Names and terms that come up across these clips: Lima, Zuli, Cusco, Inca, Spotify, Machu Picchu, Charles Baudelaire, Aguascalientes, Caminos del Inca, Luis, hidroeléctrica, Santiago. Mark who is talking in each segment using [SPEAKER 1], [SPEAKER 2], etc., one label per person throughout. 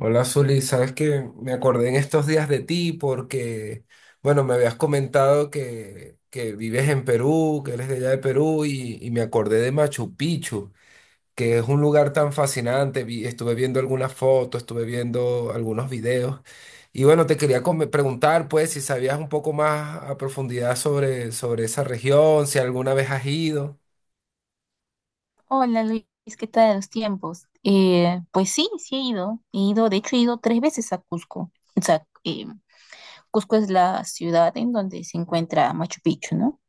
[SPEAKER 1] Hola, Zuli. Sabes que me acordé en estos días de ti porque, bueno, me habías comentado que vives en Perú, que eres de allá de Perú y me acordé de Machu Picchu, que es un lugar tan fascinante. Estuve viendo algunas fotos, estuve viendo algunos videos y bueno, te quería preguntar pues si sabías un poco más a profundidad sobre esa región, si alguna vez has ido.
[SPEAKER 2] Hola Luis, ¿qué tal los tiempos? Pues sí, sí he ido. He ido, de hecho he ido 3 veces a Cusco. O sea, Cusco es la ciudad en donde se encuentra Machu Picchu, ¿no?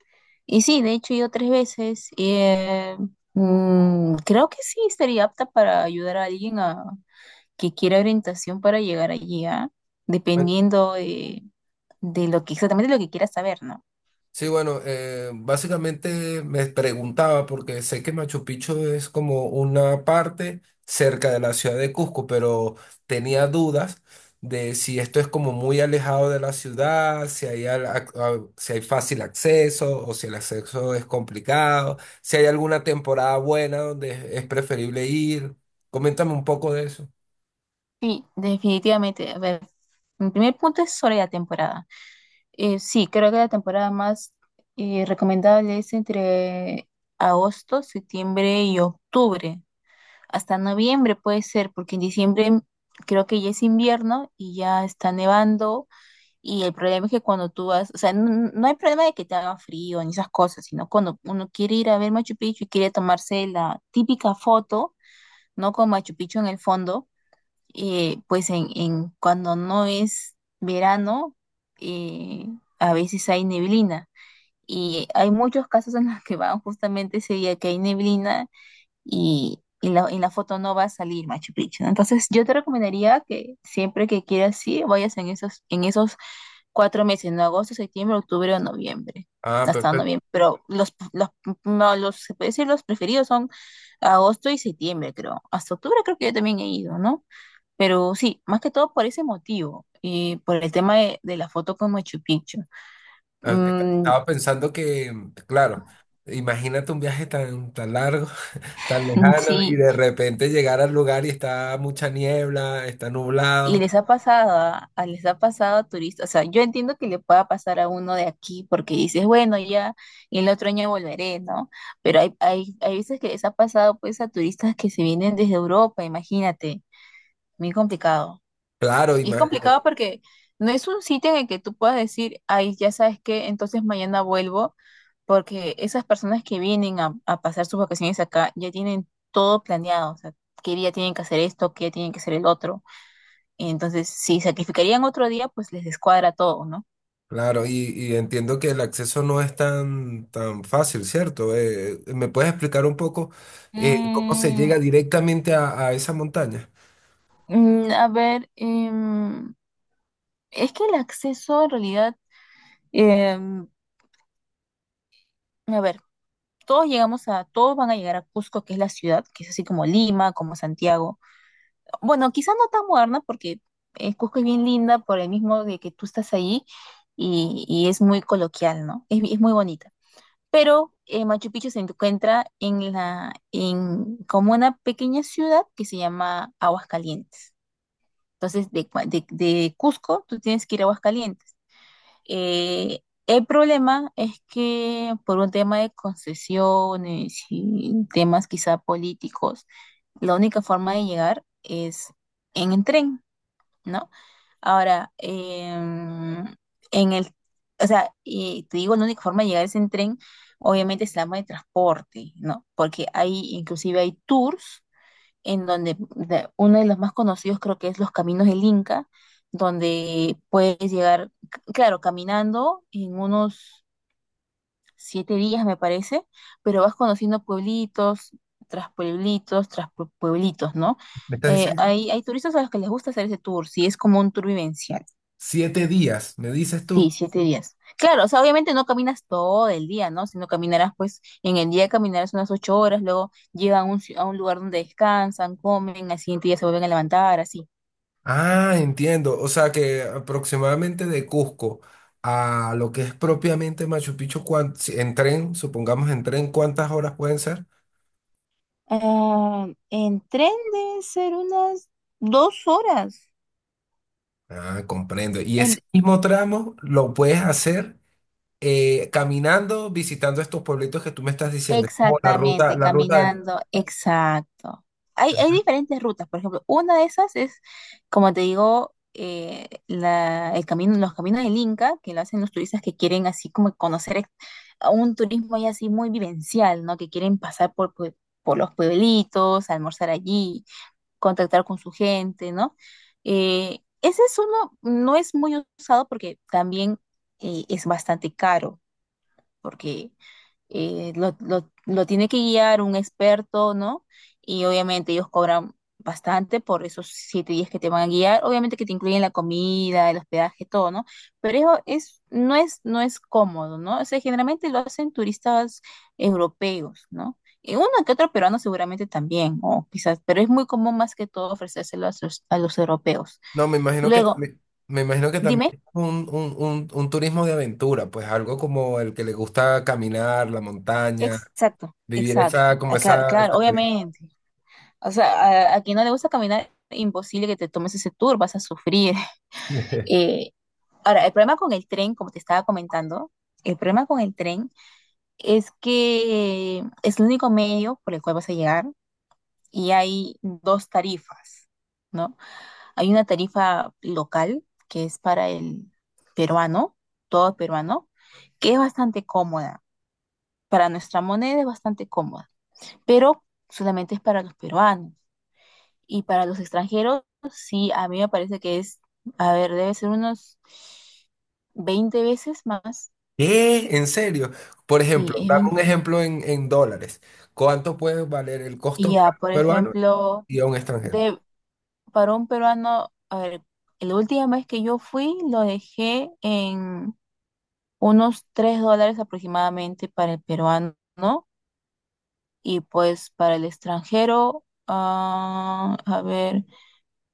[SPEAKER 2] Y sí, de hecho he ido tres veces. Creo que sí estaría apta para ayudar a alguien a, que quiera orientación para llegar allí, ¿ah? Dependiendo de lo que exactamente lo que quiera saber, ¿no?
[SPEAKER 1] Sí, bueno, básicamente me preguntaba, porque sé que Machu Picchu es como una parte cerca de la ciudad de Cusco, pero tenía dudas de si esto es como muy alejado de la ciudad, si hay, si hay fácil acceso o si el acceso es complicado, si hay alguna temporada buena donde es preferible ir. Coméntame un poco de eso.
[SPEAKER 2] Sí, definitivamente. A ver, mi primer punto es sobre la temporada. Sí, creo que la temporada más recomendable es entre agosto, septiembre y octubre. Hasta noviembre puede ser, porque en diciembre creo que ya es invierno y ya está nevando. Y el problema es que cuando tú vas, o sea, no, no hay problema de que te haga frío ni esas cosas, sino cuando uno quiere ir a ver Machu Picchu y quiere tomarse la típica foto, ¿no? Con Machu Picchu en el fondo pues en cuando no es verano, eh, a veces hay neblina. Y hay muchos casos en los que van justamente ese día que hay neblina y en la foto no va a salir Machu Picchu, ¿no? Entonces yo te recomendaría que siempre que quieras sí vayas en esos 4 meses, en agosto, septiembre, octubre o noviembre.
[SPEAKER 1] Ah,
[SPEAKER 2] Hasta
[SPEAKER 1] perfecto.
[SPEAKER 2] noviembre, pero los, no, los, se puede decir los preferidos son agosto y septiembre, creo. Hasta octubre creo que yo también he ido, ¿no? Pero sí, más que todo por ese motivo, y por el tema de la foto con Machu Picchu. Mm,
[SPEAKER 1] Estaba pensando que, claro, imagínate un viaje tan, tan largo, tan lejano y
[SPEAKER 2] sí,
[SPEAKER 1] de repente llegar al lugar y está mucha niebla, está
[SPEAKER 2] y
[SPEAKER 1] nublado.
[SPEAKER 2] les ha pasado, les ha pasado a turistas, o sea, yo entiendo que le pueda pasar a uno de aquí porque dices, bueno, ya el otro año volveré, ¿no? Pero hay veces que les ha pasado pues a turistas que se vienen desde Europa, imagínate, muy complicado.
[SPEAKER 1] Claro,
[SPEAKER 2] Y es complicado porque no es un sitio en el que tú puedas decir, ay, ya sabes qué, entonces mañana vuelvo, porque esas personas que vienen a pasar sus vacaciones acá ya tienen todo planeado, o sea, qué día tienen que hacer esto, qué día tienen que hacer el otro. Y entonces, si sacrificarían otro día, pues les descuadra todo, ¿no?
[SPEAKER 1] claro, y entiendo que el acceso no es tan, tan fácil, ¿cierto? ¿Me puedes explicar un poco cómo se llega
[SPEAKER 2] Mm,
[SPEAKER 1] directamente a esa montaña?
[SPEAKER 2] a ver, es que el acceso en realidad, em, a ver, todos llegamos a, todos van a llegar a Cusco, que es la ciudad, que es así como Lima, como Santiago. Bueno, quizá no tan moderna porque Cusco es bien linda por el mismo de que tú estás ahí y es muy coloquial, ¿no? Es, es muy bonita. Pero Machu Picchu se encuentra en la, en como una pequeña ciudad que se llama Aguascalientes. Entonces, de Cusco, tú tienes que ir a Aguascalientes. Eh, el problema es que por un tema de concesiones y temas quizá políticos, la única forma de llegar es en el tren, ¿no? Ahora, en el, o sea, y te digo, la única forma de llegar es en tren, obviamente es la modo de transporte, ¿no? Porque hay, inclusive hay tours en donde uno de los más conocidos creo que es los Caminos del Inca, donde puedes llegar, claro, caminando en unos 7 días, me parece, pero vas conociendo pueblitos, tras pueblitos, tras pueblitos, ¿no?
[SPEAKER 1] ¿Me estás
[SPEAKER 2] Eh,
[SPEAKER 1] diciendo?
[SPEAKER 2] hay, hay turistas a los que les gusta hacer ese tour, sí, es como un tour vivencial.
[SPEAKER 1] Siete días, me dices
[SPEAKER 2] Sí,
[SPEAKER 1] tú.
[SPEAKER 2] siete días. Claro, o sea, obviamente no caminas todo el día, ¿no? Sino caminarás, pues, en el día caminarás unas 8 horas, luego llegan a a un lugar donde descansan, comen, al siguiente día se vuelven a levantar, así.
[SPEAKER 1] Ah, entiendo. O sea que aproximadamente de Cusco a lo que es propiamente Machu Picchu, en tren, supongamos en tren, ¿cuántas horas pueden ser?
[SPEAKER 2] Ah, en tren deben ser unas 2 horas.
[SPEAKER 1] Ah, comprendo. Y ese
[SPEAKER 2] En
[SPEAKER 1] mismo tramo lo puedes hacer caminando, visitando estos pueblitos que tú me estás diciendo. Es como
[SPEAKER 2] Exactamente,
[SPEAKER 1] la ruta del...
[SPEAKER 2] caminando, exacto. Hay diferentes rutas, por ejemplo, una de esas es, como te digo, el camino, los caminos del Inca, que lo hacen los turistas que quieren así como conocer a un turismo ya así muy vivencial, ¿no? Que quieren pasar por los pueblitos, almorzar allí, contactar con su gente, ¿no? Ese es uno, no es muy usado porque también es bastante caro, porque lo tiene que guiar un experto, ¿no? Y obviamente ellos cobran bastante por esos 7 días que te van a guiar. Obviamente que te incluyen la comida, el hospedaje, todo, ¿no? Pero eso es, no es, no es cómodo, ¿no? O sea, generalmente lo hacen turistas europeos, ¿no? Y uno que otro peruano seguramente también, o quizás, pero es muy común más que todo ofrecérselo a los europeos.
[SPEAKER 1] No, me imagino que
[SPEAKER 2] Luego,
[SPEAKER 1] también, me imagino que también
[SPEAKER 2] dime,
[SPEAKER 1] es un, un turismo de aventura, pues algo como el que le gusta caminar, la montaña,
[SPEAKER 2] exacto,
[SPEAKER 1] vivir esa,
[SPEAKER 2] exacto,
[SPEAKER 1] como
[SPEAKER 2] ah, claro,
[SPEAKER 1] esa
[SPEAKER 2] claro,
[SPEAKER 1] experiencia.
[SPEAKER 2] obviamente. O sea, a quien no le gusta caminar, imposible que te tomes ese tour, vas a sufrir. Eh, Ahora, el problema con el tren, como te estaba comentando, el problema con el tren es que es el único medio por el cual vas a llegar y hay dos tarifas, ¿no? Hay una tarifa local que es para el peruano, todo peruano, que es bastante cómoda. Para nuestra moneda es bastante cómoda, pero solamente es para los peruanos. Y para los extranjeros, sí, a mí me parece que es, a ver, debe ser unos 20 veces más.
[SPEAKER 1] ¿Qué? ¿En serio? Por
[SPEAKER 2] Sí,
[SPEAKER 1] ejemplo,
[SPEAKER 2] es
[SPEAKER 1] dame un
[SPEAKER 2] 20.
[SPEAKER 1] ejemplo en dólares. ¿Cuánto puede valer el
[SPEAKER 2] Y
[SPEAKER 1] costo
[SPEAKER 2] ya,
[SPEAKER 1] para un
[SPEAKER 2] por
[SPEAKER 1] peruano
[SPEAKER 2] ejemplo,
[SPEAKER 1] y a un extranjero?
[SPEAKER 2] de, para un peruano, a ver, la última vez que yo fui lo dejé en unos $3 aproximadamente para el peruano, ¿no? Y pues para el extranjero, ah, a ver,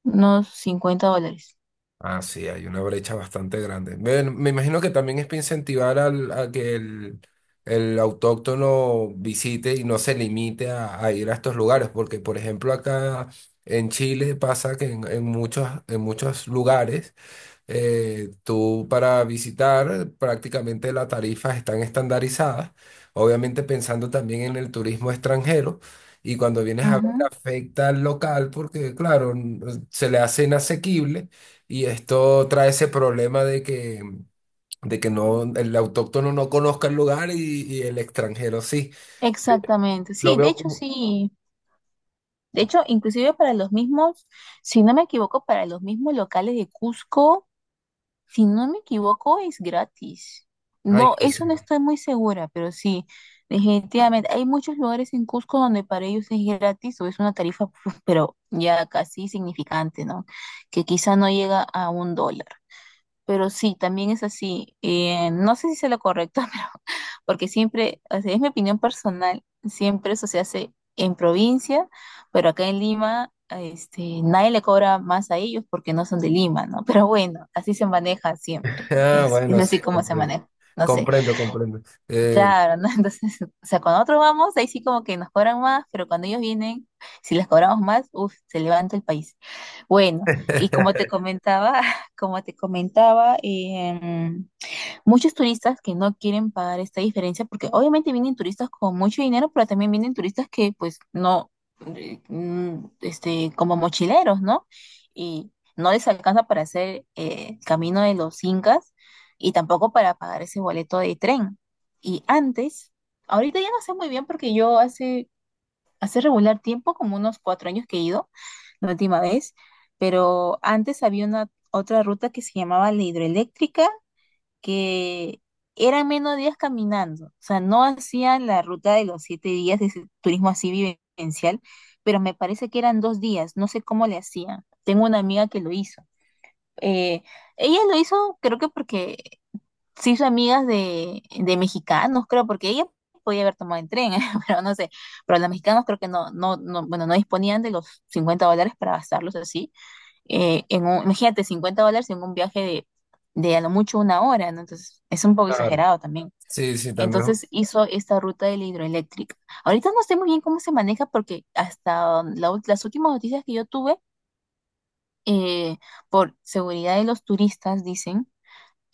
[SPEAKER 2] unos $50.
[SPEAKER 1] Ah, sí, hay una brecha bastante grande. Bueno, me imagino que también es para incentivar a que el autóctono visite y no se limite a ir a estos lugares, porque por ejemplo acá en Chile pasa que en muchos lugares tú para visitar, prácticamente las tarifas están estandarizadas, obviamente pensando también en el turismo extranjero. Y cuando vienes a ver,
[SPEAKER 2] Ujú.
[SPEAKER 1] afecta al local porque, claro, se le hace inasequible y esto trae ese problema de que no, el autóctono no conozca el lugar y el extranjero sí. Sí,
[SPEAKER 2] Exactamente,
[SPEAKER 1] lo veo como...
[SPEAKER 2] sí. De hecho, inclusive para los mismos, si no me equivoco, para los mismos locales de Cusco, si no me equivoco, es gratis.
[SPEAKER 1] Ah,
[SPEAKER 2] No,
[SPEAKER 1] inclusive.
[SPEAKER 2] eso no estoy muy segura, pero sí, definitivamente. Hay muchos lugares en Cusco donde para ellos es gratis o es una tarifa, pues, pero ya casi significante, ¿no? Que quizá no llega a $1. Pero sí, también es así. No sé si sea lo correcto, pero porque siempre, o sea, es mi opinión personal, siempre eso se hace en provincia, pero acá en Lima, este, nadie le cobra más a ellos porque no son de Lima, ¿no? Pero bueno, así se maneja siempre.
[SPEAKER 1] Ah,
[SPEAKER 2] Es
[SPEAKER 1] bueno,
[SPEAKER 2] así
[SPEAKER 1] sí,
[SPEAKER 2] como se
[SPEAKER 1] comprendo.
[SPEAKER 2] maneja. No sé.
[SPEAKER 1] Comprendo, comprendo. Eh,
[SPEAKER 2] Claro, ¿no? Entonces, o sea, cuando nosotros vamos, ahí sí como que nos cobran más, pero cuando ellos vienen, si les cobramos más, uff, se levanta el país. Bueno, y como te comentaba, como te comentaba, muchos turistas que no quieren pagar esta diferencia, porque obviamente vienen turistas con mucho dinero, pero también vienen turistas que pues no, este, como mochileros, ¿no? Y no les alcanza para hacer el camino de los incas y tampoco para pagar ese boleto de tren. Y antes, ahorita ya no sé muy bien porque yo hace, hace regular tiempo, como unos 4 años que he ido, la última vez, pero antes había una otra ruta que se llamaba la hidroeléctrica que eran menos días caminando, o sea, no hacían la ruta de los 7 días de ese turismo así vivencial, pero me parece que eran 2 días, no sé cómo le hacían. Tengo una amiga que lo hizo. Eh, Ella lo hizo, creo que porque se hizo amigas de mexicanos, creo, porque ella podía haber tomado el tren, pero no sé, pero los mexicanos creo que no, no, no, bueno, no disponían de los $50 para gastarlos así en imagínate, $50 en un viaje de a lo mucho una hora, ¿no? Entonces, es un poco
[SPEAKER 1] claro.
[SPEAKER 2] exagerado también.
[SPEAKER 1] Sí, sí, también,
[SPEAKER 2] Entonces, hizo esta ruta de la hidroeléctrica. Ahorita no sé muy bien cómo se maneja porque hasta la las últimas noticias que yo tuve, eh, por seguridad de los turistas, dicen,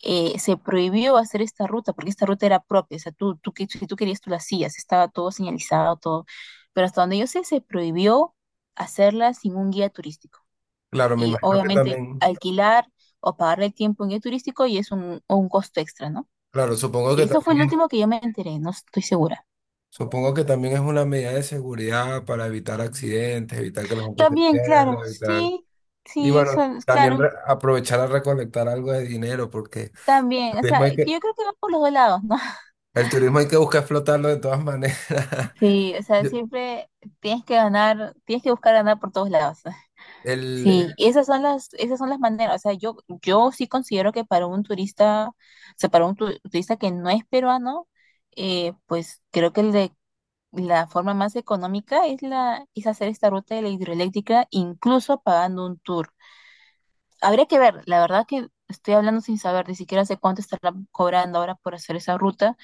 [SPEAKER 2] se prohibió hacer esta ruta porque esta ruta era propia. O sea, tú, si tú querías, tú la hacías. Estaba todo señalizado, todo. Pero hasta donde yo sé, se prohibió hacerla sin un guía turístico
[SPEAKER 1] claro, me
[SPEAKER 2] y
[SPEAKER 1] imagino que
[SPEAKER 2] obviamente
[SPEAKER 1] también,
[SPEAKER 2] alquilar o pagar el tiempo en guía turístico y es un costo extra, ¿no?
[SPEAKER 1] claro, supongo que
[SPEAKER 2] Eso fue el
[SPEAKER 1] también es,
[SPEAKER 2] último que yo me enteré, no estoy segura.
[SPEAKER 1] supongo que también es una medida de seguridad para evitar accidentes, evitar que la gente se
[SPEAKER 2] También, claro,
[SPEAKER 1] pierda, evitar,
[SPEAKER 2] sí,
[SPEAKER 1] y
[SPEAKER 2] sí,
[SPEAKER 1] bueno,
[SPEAKER 2] son,
[SPEAKER 1] también
[SPEAKER 2] claro,
[SPEAKER 1] aprovechar a recolectar algo de dinero, porque el
[SPEAKER 2] también, o
[SPEAKER 1] turismo
[SPEAKER 2] sea,
[SPEAKER 1] hay
[SPEAKER 2] que
[SPEAKER 1] que,
[SPEAKER 2] yo creo que va por los dos lados, ¿no?
[SPEAKER 1] el turismo hay que buscar explotarlo de todas maneras.
[SPEAKER 2] Sí, o sea,
[SPEAKER 1] Yo-
[SPEAKER 2] siempre tienes que ganar, tienes que buscar ganar por todos lados.
[SPEAKER 1] el, eh,
[SPEAKER 2] Sí, y esas son las maneras, o sea, yo sí considero que para un turista, o sea, para un turista que no es peruano, pues creo que el de la forma más económica es, la, es hacer esta ruta de la hidroeléctrica, incluso pagando un tour. Habría que ver, la verdad que estoy hablando sin saber, ni siquiera sé cuánto estarán cobrando ahora por hacer esa ruta,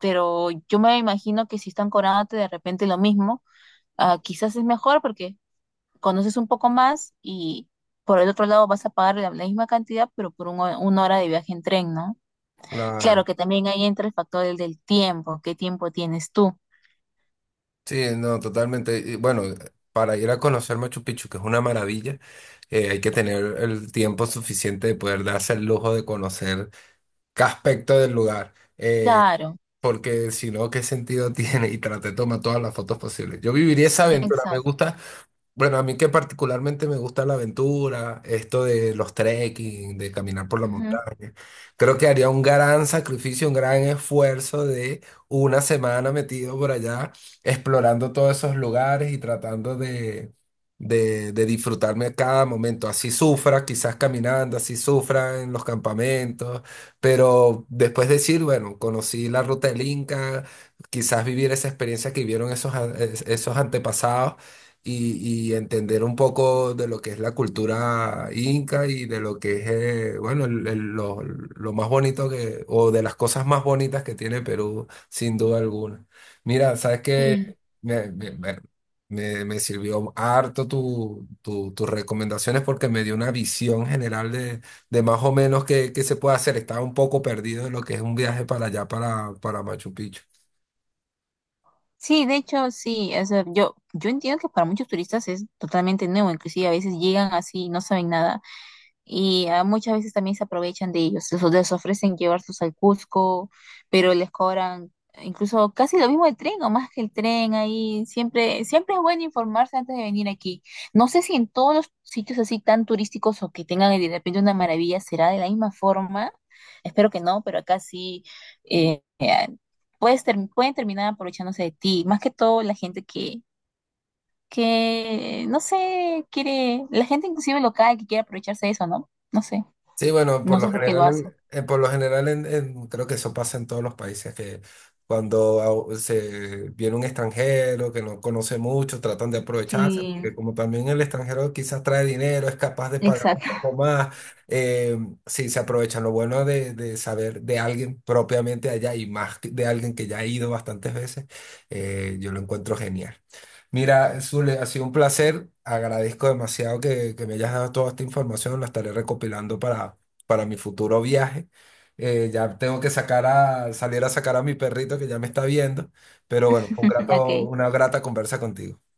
[SPEAKER 2] pero yo me imagino que si están cobrándote de repente lo mismo, ah, quizás es mejor porque conoces un poco más y por el otro lado vas a pagar la, la misma cantidad, pero por un una hora de viaje en tren, ¿no? Claro
[SPEAKER 1] claro,
[SPEAKER 2] que también ahí entra el factor del, del tiempo, ¿qué tiempo tienes tú?
[SPEAKER 1] sí, no, totalmente, y bueno, para ir a conocer Machu Picchu, que es una maravilla, hay que tener el tiempo suficiente de poder darse el lujo de conocer qué aspecto del lugar,
[SPEAKER 2] Claro,
[SPEAKER 1] porque si no, ¿qué sentido tiene? Y traté de tomar todas las fotos posibles. Yo viviría esa aventura, me
[SPEAKER 2] exacto.
[SPEAKER 1] gusta bueno, a mí que particularmente me gusta la aventura, esto de los trekking, de caminar por la
[SPEAKER 2] Ujú.
[SPEAKER 1] montaña. Creo que haría un gran sacrificio, un gran esfuerzo de una semana metido por allá, explorando todos esos lugares y tratando de disfrutarme cada momento. Así sufra, quizás caminando, así sufra en los campamentos, pero después decir, bueno, conocí la ruta del Inca, quizás vivir esa experiencia que vivieron esos antepasados y entender un poco de lo que es la cultura inca y de lo que es, bueno, lo más bonito que, o de las cosas más bonitas que tiene Perú, sin duda alguna. Mira, sabes que
[SPEAKER 2] Sí,
[SPEAKER 1] me, me- me- me sirvió harto tu, tus recomendaciones porque me dio una visión general de más o menos qué, qué se puede hacer. Estaba un poco perdido en lo que es un viaje para allá, para Machu Picchu.
[SPEAKER 2] sí, de hecho, sí, o sea, yo entiendo que para muchos turistas es totalmente nuevo, inclusive a veces llegan así y no saben nada. Y ah, muchas veces también se aprovechan de ellos, les ofrecen llevarlos al Cusco, pero les cobran incluso casi lo mismo el tren o más que el tren ahí. Siempre, siempre es bueno informarse antes de venir aquí. No sé si en todos los sitios así tan turísticos o que tengan de repente una maravilla será de la misma forma. Espero que no, pero acá sí eh, eh, pueden terminar aprovechándose de ti. Más que todo la gente que, no sé, quiere, la gente inclusive local que quiere aprovecharse de eso, ¿no? No sé.
[SPEAKER 1] Sí, bueno, por
[SPEAKER 2] No
[SPEAKER 1] lo
[SPEAKER 2] sé por qué lo
[SPEAKER 1] general,
[SPEAKER 2] hace.
[SPEAKER 1] por lo general creo que eso pasa en todos los países, que cuando se viene un extranjero que no conoce mucho, tratan de aprovecharse,
[SPEAKER 2] Sí,
[SPEAKER 1] porque como también el extranjero quizás trae dinero, es capaz de pagar un
[SPEAKER 2] exacto.
[SPEAKER 1] poco más, eh, sí, se aprovechan. Lo bueno de saber de alguien propiamente allá y más de alguien que ya ha ido bastantes veces, yo lo encuentro genial. Mira, Zule, ha sido un placer. Agradezco demasiado que me hayas dado toda esta información. La estaré recopilando para mi futuro viaje. Ya tengo que sacar a, salir a sacar a mi perrito que ya me está viendo. Pero bueno, fue un grato,
[SPEAKER 2] Ok.
[SPEAKER 1] una grata conversa contigo.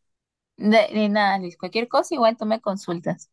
[SPEAKER 2] De nada, Luis. Cualquier cosa, igual tú me consultas.